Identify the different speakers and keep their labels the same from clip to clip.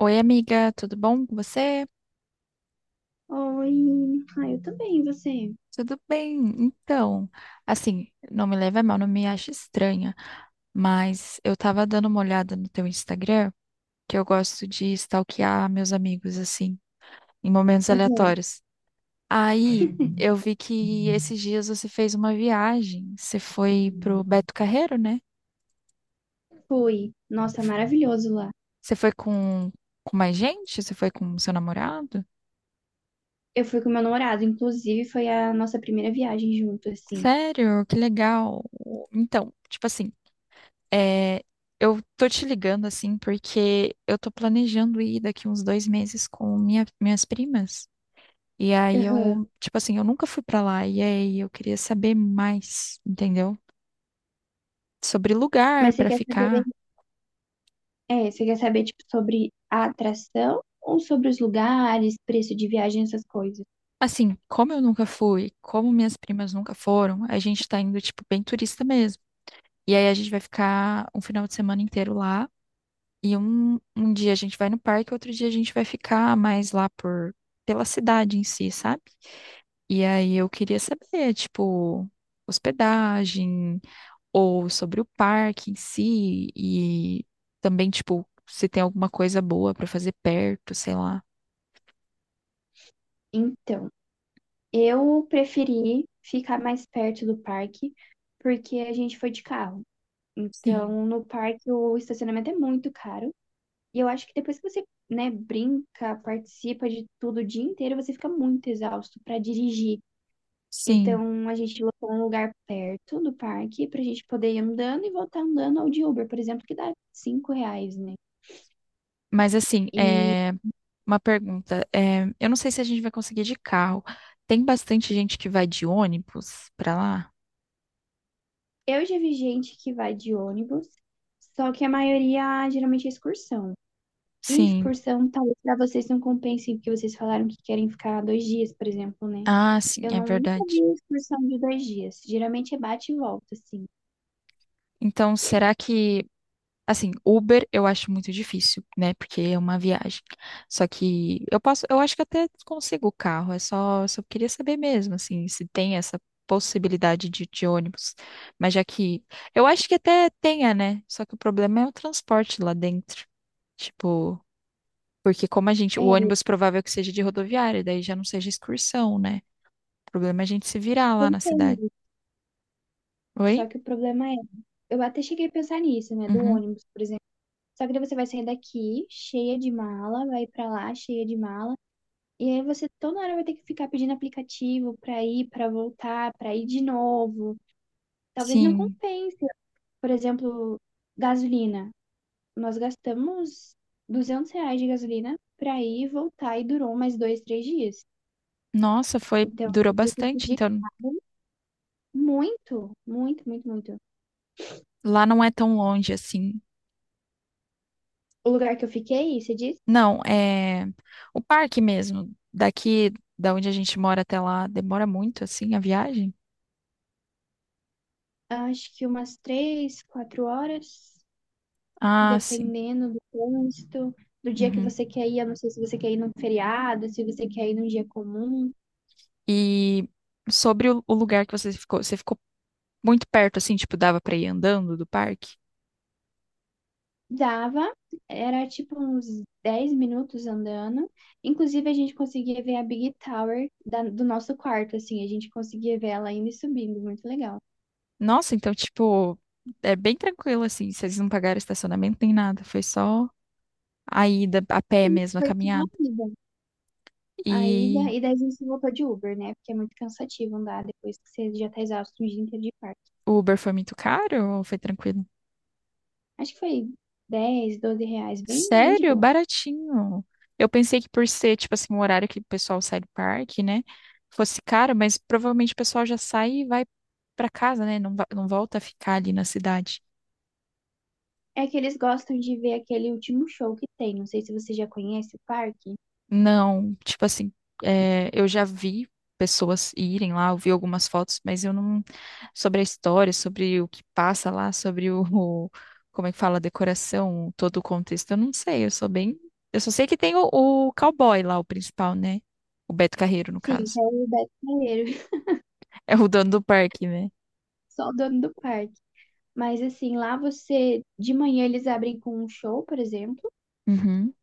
Speaker 1: Oi, amiga, tudo bom com você?
Speaker 2: Oi. Ah, eu também, e você?
Speaker 1: Tudo bem. Então, assim, não me leve a mal, não me ache estranha, mas eu tava dando uma olhada no teu Instagram, que eu gosto de stalkear meus amigos, assim, em momentos
Speaker 2: Aham.
Speaker 1: aleatórios. Aí, eu vi que esses dias você fez uma viagem. Você foi pro Beto Carreiro, né?
Speaker 2: Fui.
Speaker 1: Você
Speaker 2: Nossa,
Speaker 1: f-
Speaker 2: maravilhoso lá.
Speaker 1: você foi com mais gente? Você foi com seu namorado?
Speaker 2: Eu fui com meu namorado, inclusive foi a nossa primeira viagem junto, assim.
Speaker 1: Sério? Que legal. Então, tipo assim. É, eu tô te ligando assim porque eu tô planejando ir daqui uns 2 meses com minhas primas. E aí
Speaker 2: Aham.
Speaker 1: eu, tipo assim, eu nunca fui pra lá. E aí eu queria saber mais, entendeu? Sobre lugar
Speaker 2: Mas você
Speaker 1: pra
Speaker 2: quer saber,
Speaker 1: ficar.
Speaker 2: é, você quer saber, tipo, sobre a atração ou sobre os lugares, preço de viagem, essas coisas?
Speaker 1: Assim, como eu nunca fui, como minhas primas nunca foram, a gente tá indo, tipo, bem turista mesmo. E aí a gente vai ficar um final de semana inteiro lá. E um dia a gente vai no parque, outro dia a gente vai ficar mais lá por, pela cidade em si, sabe? E aí eu queria saber, tipo, hospedagem ou sobre o parque em si e também, tipo, se tem alguma coisa boa pra fazer perto, sei lá.
Speaker 2: Então, eu preferi ficar mais perto do parque, porque a gente foi de carro.
Speaker 1: Sim.
Speaker 2: Então, no parque o estacionamento é muito caro. E eu acho que depois que você, né, brinca, participa de tudo o dia inteiro, você fica muito exausto para dirigir.
Speaker 1: Sim,
Speaker 2: Então, a gente locou um lugar perto do parque pra gente poder ir andando e voltar andando ao de Uber, por exemplo, que dá R$ 5, né?
Speaker 1: mas assim,
Speaker 2: E
Speaker 1: é uma pergunta, é, eu não sei se a gente vai conseguir de carro. Tem bastante gente que vai de ônibus pra lá?
Speaker 2: eu já vi gente que vai de ônibus, só que a maioria geralmente é excursão. E
Speaker 1: Sim.
Speaker 2: excursão, talvez pra vocês não compensem, porque vocês falaram que querem ficar 2 dias, por exemplo, né?
Speaker 1: Ah, sim,
Speaker 2: Eu
Speaker 1: é
Speaker 2: não nunca vi
Speaker 1: verdade.
Speaker 2: excursão de 2 dias. Geralmente é bate e volta, assim.
Speaker 1: Então, será que... Assim, Uber eu acho muito difícil, né? Porque é uma viagem. Só que eu posso, eu acho que até consigo o carro, é só, só queria saber mesmo, assim, se tem essa possibilidade de ônibus. Mas já que eu acho que até tenha, né? Só que o problema é o transporte lá dentro. Tipo, porque como a gente, o
Speaker 2: É,
Speaker 1: ônibus provável que seja de rodoviária, daí já não seja excursão, né? O problema é a gente se virar lá na cidade.
Speaker 2: Pensei
Speaker 1: Oi?
Speaker 2: só que o problema é, eu até cheguei a pensar nisso, né, do
Speaker 1: Uhum.
Speaker 2: ônibus, por exemplo. Só que daí você vai sair daqui cheia de mala, vai pra lá cheia de mala, e aí você toda hora vai ter que ficar pedindo aplicativo pra ir, pra voltar, pra ir de novo. Talvez não
Speaker 1: Sim.
Speaker 2: compense. Por exemplo, gasolina. Nós gastamos R$ 200 de gasolina pra ir e voltar e durou mais 2, 3 dias.
Speaker 1: Nossa, foi,
Speaker 2: Então,
Speaker 1: durou
Speaker 2: eu tive que
Speaker 1: bastante,
Speaker 2: pedir
Speaker 1: então
Speaker 2: caro muito, muito, muito, muito.
Speaker 1: lá não é tão longe assim.
Speaker 2: O lugar que eu fiquei, você disse.
Speaker 1: Não, é o parque mesmo. Daqui da onde a gente mora até lá demora muito, assim, a viagem?
Speaker 2: Acho que umas 3, 4 horas,
Speaker 1: Ah, sim.
Speaker 2: dependendo do trânsito, do dia que
Speaker 1: Uhum.
Speaker 2: você quer ir. Eu não sei se você quer ir num feriado, se você quer ir num dia comum.
Speaker 1: E sobre o lugar que você ficou muito perto, assim, tipo, dava pra ir andando do parque?
Speaker 2: Dava, era tipo uns 10 minutos andando. Inclusive, a gente conseguia ver a Big Tower do nosso quarto, assim, a gente conseguia ver ela indo e subindo, muito legal.
Speaker 1: Nossa, então, tipo, é bem tranquilo, assim, vocês não pagaram estacionamento nem nada, foi só a ida a pé
Speaker 2: Sim,
Speaker 1: mesmo, a
Speaker 2: foi tipo uma
Speaker 1: caminhada.
Speaker 2: ida. A
Speaker 1: E
Speaker 2: ida, e daí a gente voltou de Uber, né? Porque é muito cansativo andar depois que você já tá exausto o dia inteiro de parque.
Speaker 1: o Uber foi muito caro ou foi tranquilo?
Speaker 2: Acho que foi 10, 12 reais, bem, bem de
Speaker 1: Sério?
Speaker 2: boa.
Speaker 1: Baratinho. Eu pensei que por ser, tipo assim, um horário que o pessoal sai do parque, né? Fosse caro, mas provavelmente o pessoal já sai e vai pra casa, né? Não, não volta a ficar ali na cidade.
Speaker 2: É que eles gostam de ver aquele último show que tem. Não sei se você já conhece o parque.
Speaker 1: Não, tipo assim, é, eu já vi pessoas irem lá, eu vi algumas fotos, mas eu não. Sobre a história, sobre o que passa lá, sobre como é que fala, a decoração, todo o contexto, eu não sei, eu sou bem. Eu só sei que tem o cowboy lá, o principal, né? O Beto Carreiro, no
Speaker 2: Sim, que
Speaker 1: caso.
Speaker 2: é o Beto Carreiro,
Speaker 1: É o dono do parque, né?
Speaker 2: só o dono do parque. Mas assim, lá você, de manhã eles abrem com um show, por exemplo,
Speaker 1: Uhum,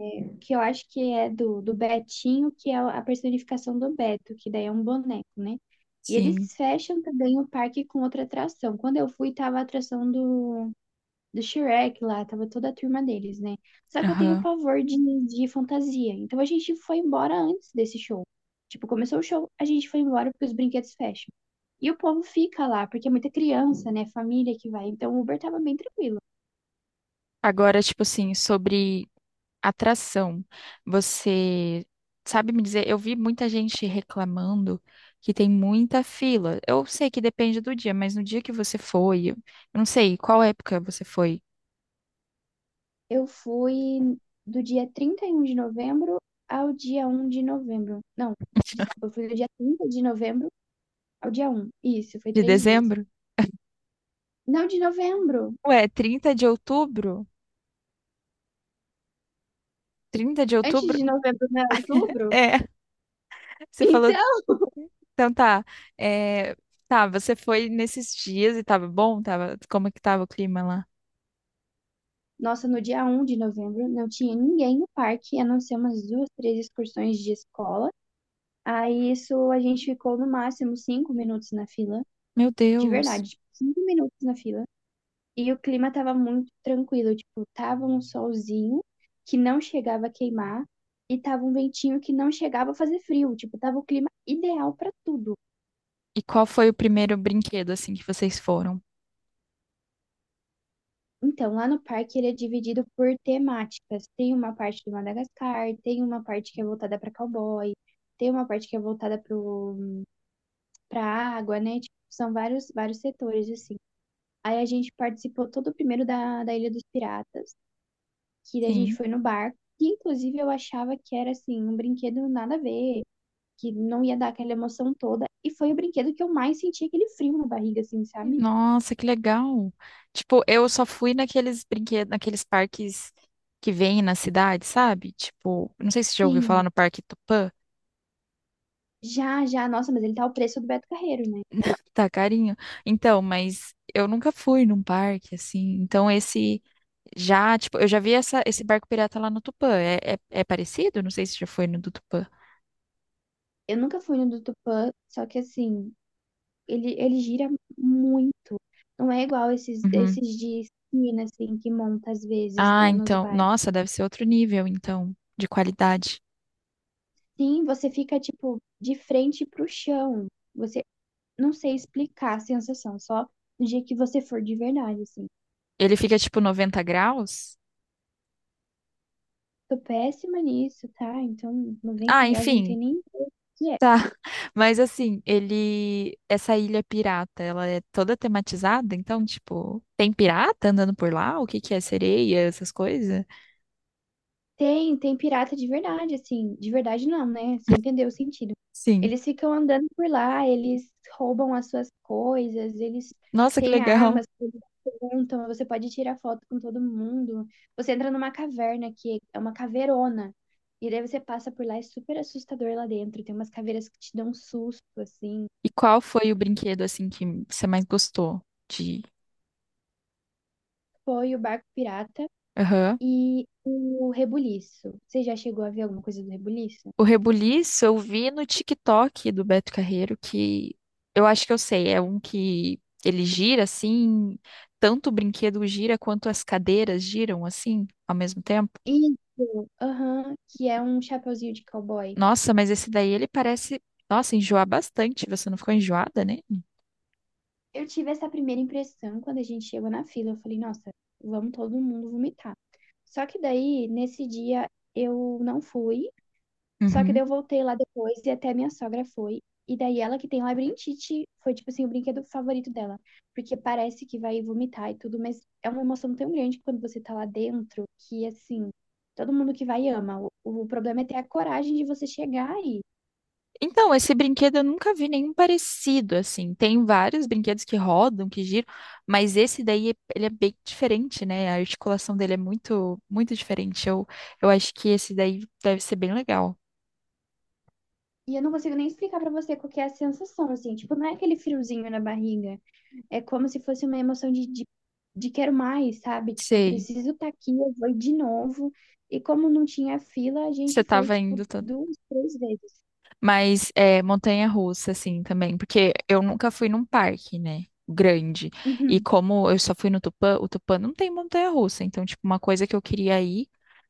Speaker 2: que eu acho que é do Betinho, que é a personificação do Beto, que daí é um boneco, né? E
Speaker 1: sim.
Speaker 2: eles fecham também o parque com outra atração. Quando eu fui, tava a atração do Shrek lá, tava toda a turma deles, né? Só que eu tenho
Speaker 1: Aham.
Speaker 2: pavor de fantasia. Então a gente foi embora antes desse show. Tipo, começou o show, a gente foi embora porque os brinquedos fecham. E o povo fica lá, porque é muita criança, né? Família que vai. Então o Uber tava bem tranquilo.
Speaker 1: Agora, tipo assim, sobre atração, você sabe me dizer? Eu vi muita gente reclamando que tem muita fila. Eu sei que depende do dia, mas no dia que você foi, eu não sei qual época você foi.
Speaker 2: Eu fui do dia 31 de novembro ao dia 1 de novembro. Não, desculpa, eu fui do dia 30 de novembro ao dia um. Isso, foi
Speaker 1: De
Speaker 2: 3 dias.
Speaker 1: dezembro?
Speaker 2: Não, de novembro.
Speaker 1: Ué, 30 de outubro? Trinta de
Speaker 2: Antes
Speaker 1: outubro?
Speaker 2: de novembro, não era
Speaker 1: É,
Speaker 2: outubro?
Speaker 1: você falou,
Speaker 2: Então.
Speaker 1: então tá. É, tá, você foi nesses dias e tava bom? Tava, como é que tava o clima lá?
Speaker 2: Nossa, no dia 1 de novembro não tinha ninguém no parque, a não ser umas duas, três excursões de escola. Aí isso a gente ficou no máximo 5 minutos na fila,
Speaker 1: Meu
Speaker 2: de
Speaker 1: Deus.
Speaker 2: verdade, tipo, 5 minutos na fila. E o clima tava muito tranquilo, tipo, tava um solzinho que não chegava a queimar e tava um ventinho que não chegava a fazer frio, tipo, tava o clima ideal pra tudo.
Speaker 1: E qual foi o primeiro brinquedo, assim, que vocês foram?
Speaker 2: Então, lá no parque ele é dividido por temáticas. Tem uma parte de Madagascar, tem uma parte que é voltada para cowboy, tem uma parte que é voltada para água, né? Tipo, são vários, vários setores, assim. Aí a gente participou todo o primeiro da Ilha dos Piratas, que daí a gente
Speaker 1: Sim.
Speaker 2: foi no barco, que inclusive eu achava que era, assim, um brinquedo nada a ver, que não ia dar aquela emoção toda. E foi o brinquedo que eu mais senti aquele frio na barriga, assim, sabe?
Speaker 1: Nossa, que legal. Tipo, eu só fui naqueles brinquedos, naqueles parques que vêm na cidade, sabe? Tipo, não sei se você já ouviu falar
Speaker 2: Sim,
Speaker 1: no Parque Tupã.
Speaker 2: já, já. Nossa, mas ele tá o preço do Beto Carreiro, né?
Speaker 1: Tá carinho. Então, mas eu nunca fui num parque, assim. Então, esse já, tipo, eu já vi essa, esse barco pirata lá no Tupã. É, é, é parecido? Não sei se já foi no do Tupã.
Speaker 2: Eu nunca fui no do Tupã, só que assim, ele gira muito. Não é igual esses,
Speaker 1: Uhum.
Speaker 2: esses de esquina, assim, que monta às vezes,
Speaker 1: Ah,
Speaker 2: né, nos
Speaker 1: então.
Speaker 2: bairros.
Speaker 1: Nossa, deve ser outro nível, então, de qualidade.
Speaker 2: Sim, você fica, tipo, de frente pro chão. Você não sei explicar a sensação, só no dia que você for de verdade, assim.
Speaker 1: Ele fica tipo 90 graus?
Speaker 2: Tô péssima nisso, tá? Então,
Speaker 1: Ah,
Speaker 2: 90 graus não tem
Speaker 1: enfim,
Speaker 2: nem o que é.
Speaker 1: tá. Mas assim, ele. Essa ilha pirata, ela é toda tematizada? Então, tipo, tem pirata andando por lá? O que que é? Sereia, essas coisas?
Speaker 2: Tem pirata de verdade, assim. De verdade não, né? Você entendeu o sentido.
Speaker 1: Sim.
Speaker 2: Eles ficam andando por lá, eles roubam as suas coisas, eles
Speaker 1: Nossa, que
Speaker 2: têm
Speaker 1: legal.
Speaker 2: armas, eles perguntam, você pode tirar foto com todo mundo. Você entra numa caverna que é uma caveirona. E daí você passa por lá, é super assustador lá dentro. Tem umas caveiras que te dão um susto, assim.
Speaker 1: E qual foi o brinquedo, assim, que você mais gostou de.
Speaker 2: Foi o barco pirata
Speaker 1: Aham.
Speaker 2: e o rebuliço. Você já chegou a ver alguma coisa do rebuliço?
Speaker 1: O Rebuliço eu vi no TikTok do Beto Carreiro, que eu acho que eu sei, é um que ele gira assim, tanto o brinquedo gira quanto as cadeiras giram assim ao mesmo tempo.
Speaker 2: Isso, aham, que é um chapeuzinho de cowboy.
Speaker 1: Nossa, mas esse daí ele parece, nossa, enjoar bastante. Você não ficou enjoada, né?
Speaker 2: Eu tive essa primeira impressão quando a gente chegou na fila. Eu falei, nossa, vamos todo mundo vomitar. Só que daí, nesse dia, eu não fui. Só que daí eu voltei lá depois e até minha sogra foi. E daí ela que tem labirintite foi, tipo assim, o brinquedo favorito dela. Porque parece que vai vomitar e tudo, mas é uma emoção tão grande quando você tá lá dentro que, assim, todo mundo que vai ama. O problema é ter a coragem de você chegar.
Speaker 1: Então, esse brinquedo eu nunca vi nenhum parecido, assim. Tem vários brinquedos que rodam, que giram, mas esse daí, ele é bem diferente, né? A articulação dele é muito, muito diferente. Eu acho que esse daí deve ser bem legal.
Speaker 2: E eu não consigo nem explicar pra você qual que é a sensação, assim. Tipo, não é aquele friozinho na barriga. É como se fosse uma emoção de quero mais, sabe? Tipo, eu
Speaker 1: Sei,
Speaker 2: preciso estar aqui, eu vou de novo. E como não tinha fila, a
Speaker 1: você
Speaker 2: gente foi,
Speaker 1: tava
Speaker 2: tipo,
Speaker 1: indo tanto.
Speaker 2: duas, três vezes.
Speaker 1: Mas é montanha-russa, assim, também, porque eu nunca fui num parque, né? Grande. E
Speaker 2: Uhum.
Speaker 1: como eu só fui no Tupã, o Tupã não tem montanha-russa. Então, tipo, uma coisa que eu queria ir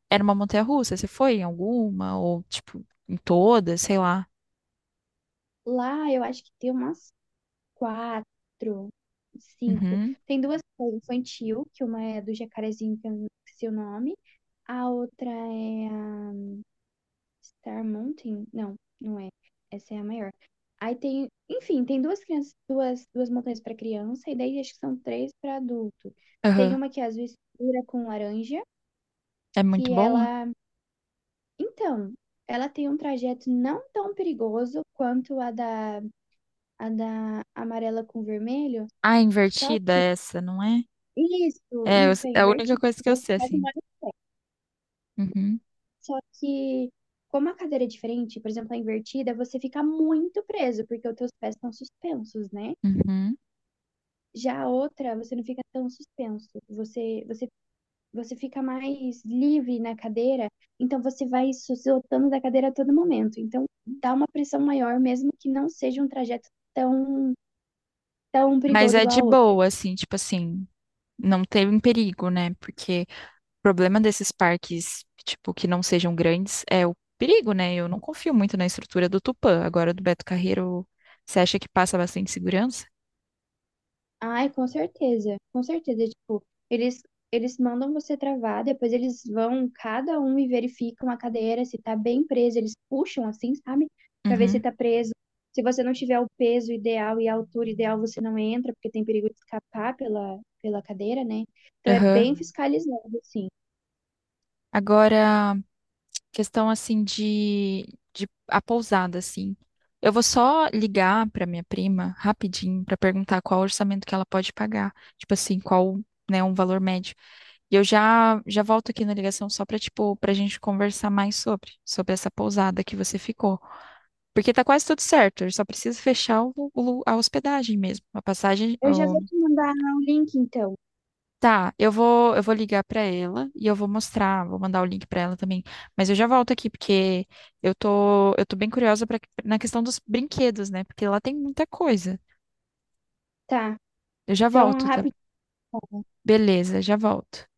Speaker 1: era uma montanha-russa. Você foi em alguma? Ou, tipo, em todas, sei lá.
Speaker 2: Lá, eu acho que tem umas quatro, cinco.
Speaker 1: Uhum.
Speaker 2: Tem duas que é infantil, que uma é do Jacarezinho, que eu não esqueci o nome. A outra é a Star Mountain? Não, não é. Essa é a maior. Aí tem, enfim, tem duas crianças, duas montanhas para criança e daí acho que são três para adulto. Tem
Speaker 1: Aham.
Speaker 2: uma que é azul escura com laranja,
Speaker 1: É muito
Speaker 2: que
Speaker 1: boa?
Speaker 2: ela, então, ela tem um trajeto não tão perigoso quanto a da amarela com vermelho,
Speaker 1: Ah, é
Speaker 2: só
Speaker 1: invertida
Speaker 2: que
Speaker 1: essa, não é?
Speaker 2: isso,
Speaker 1: É,
Speaker 2: isso é
Speaker 1: é a única
Speaker 2: invertido.
Speaker 1: coisa que eu
Speaker 2: Você
Speaker 1: sei,
Speaker 2: faz
Speaker 1: assim.
Speaker 2: uma hora
Speaker 1: Uhum.
Speaker 2: só que como a cadeira é diferente, por exemplo, a invertida, você fica muito preso porque os teus pés estão suspensos, né?
Speaker 1: Uhum.
Speaker 2: Já a outra, você não fica tão suspenso. Você fica mais livre na cadeira, então você vai se soltando da cadeira a todo momento. Então dá uma pressão maior, mesmo que não seja um trajeto tão, tão
Speaker 1: Mas
Speaker 2: perigoso
Speaker 1: é
Speaker 2: igual
Speaker 1: de
Speaker 2: a outra.
Speaker 1: boa, assim, tipo assim, não teve um perigo, né? Porque o problema desses parques, tipo, que não sejam grandes é o perigo, né? Eu não confio muito na estrutura do Tupã. Agora, do Beto Carreiro, você acha que passa bastante segurança?
Speaker 2: Ai, com certeza, com certeza. Tipo, eles, eles mandam você travar, depois eles vão, cada um, e verificam a cadeira, se tá bem presa. Eles puxam assim, sabe? Pra ver se
Speaker 1: Uhum.
Speaker 2: tá preso. Se você não tiver o peso ideal e a altura ideal, você não entra, porque tem perigo de escapar pela cadeira, né? Então é
Speaker 1: Aham.
Speaker 2: bem fiscalizado, assim.
Speaker 1: Agora, questão assim de a pousada assim. Eu vou só ligar para minha prima rapidinho para perguntar qual o orçamento que ela pode pagar, tipo assim, qual, né, um valor médio. E eu já já volto aqui na ligação só para tipo para gente conversar mais sobre essa pousada que você ficou, porque tá quase tudo certo. Eu só preciso fechar o, a hospedagem mesmo, a passagem.
Speaker 2: Eu já vou te mandar o link, então.
Speaker 1: Tá, eu vou ligar pra ela e eu vou mostrar, vou mandar o link pra ela também. Mas eu já volto aqui porque eu tô bem curiosa pra, na questão dos brinquedos, né? Porque lá tem muita coisa.
Speaker 2: Tá.
Speaker 1: Eu já
Speaker 2: Então,
Speaker 1: volto, tá?
Speaker 2: rapidinho.
Speaker 1: Beleza, já volto.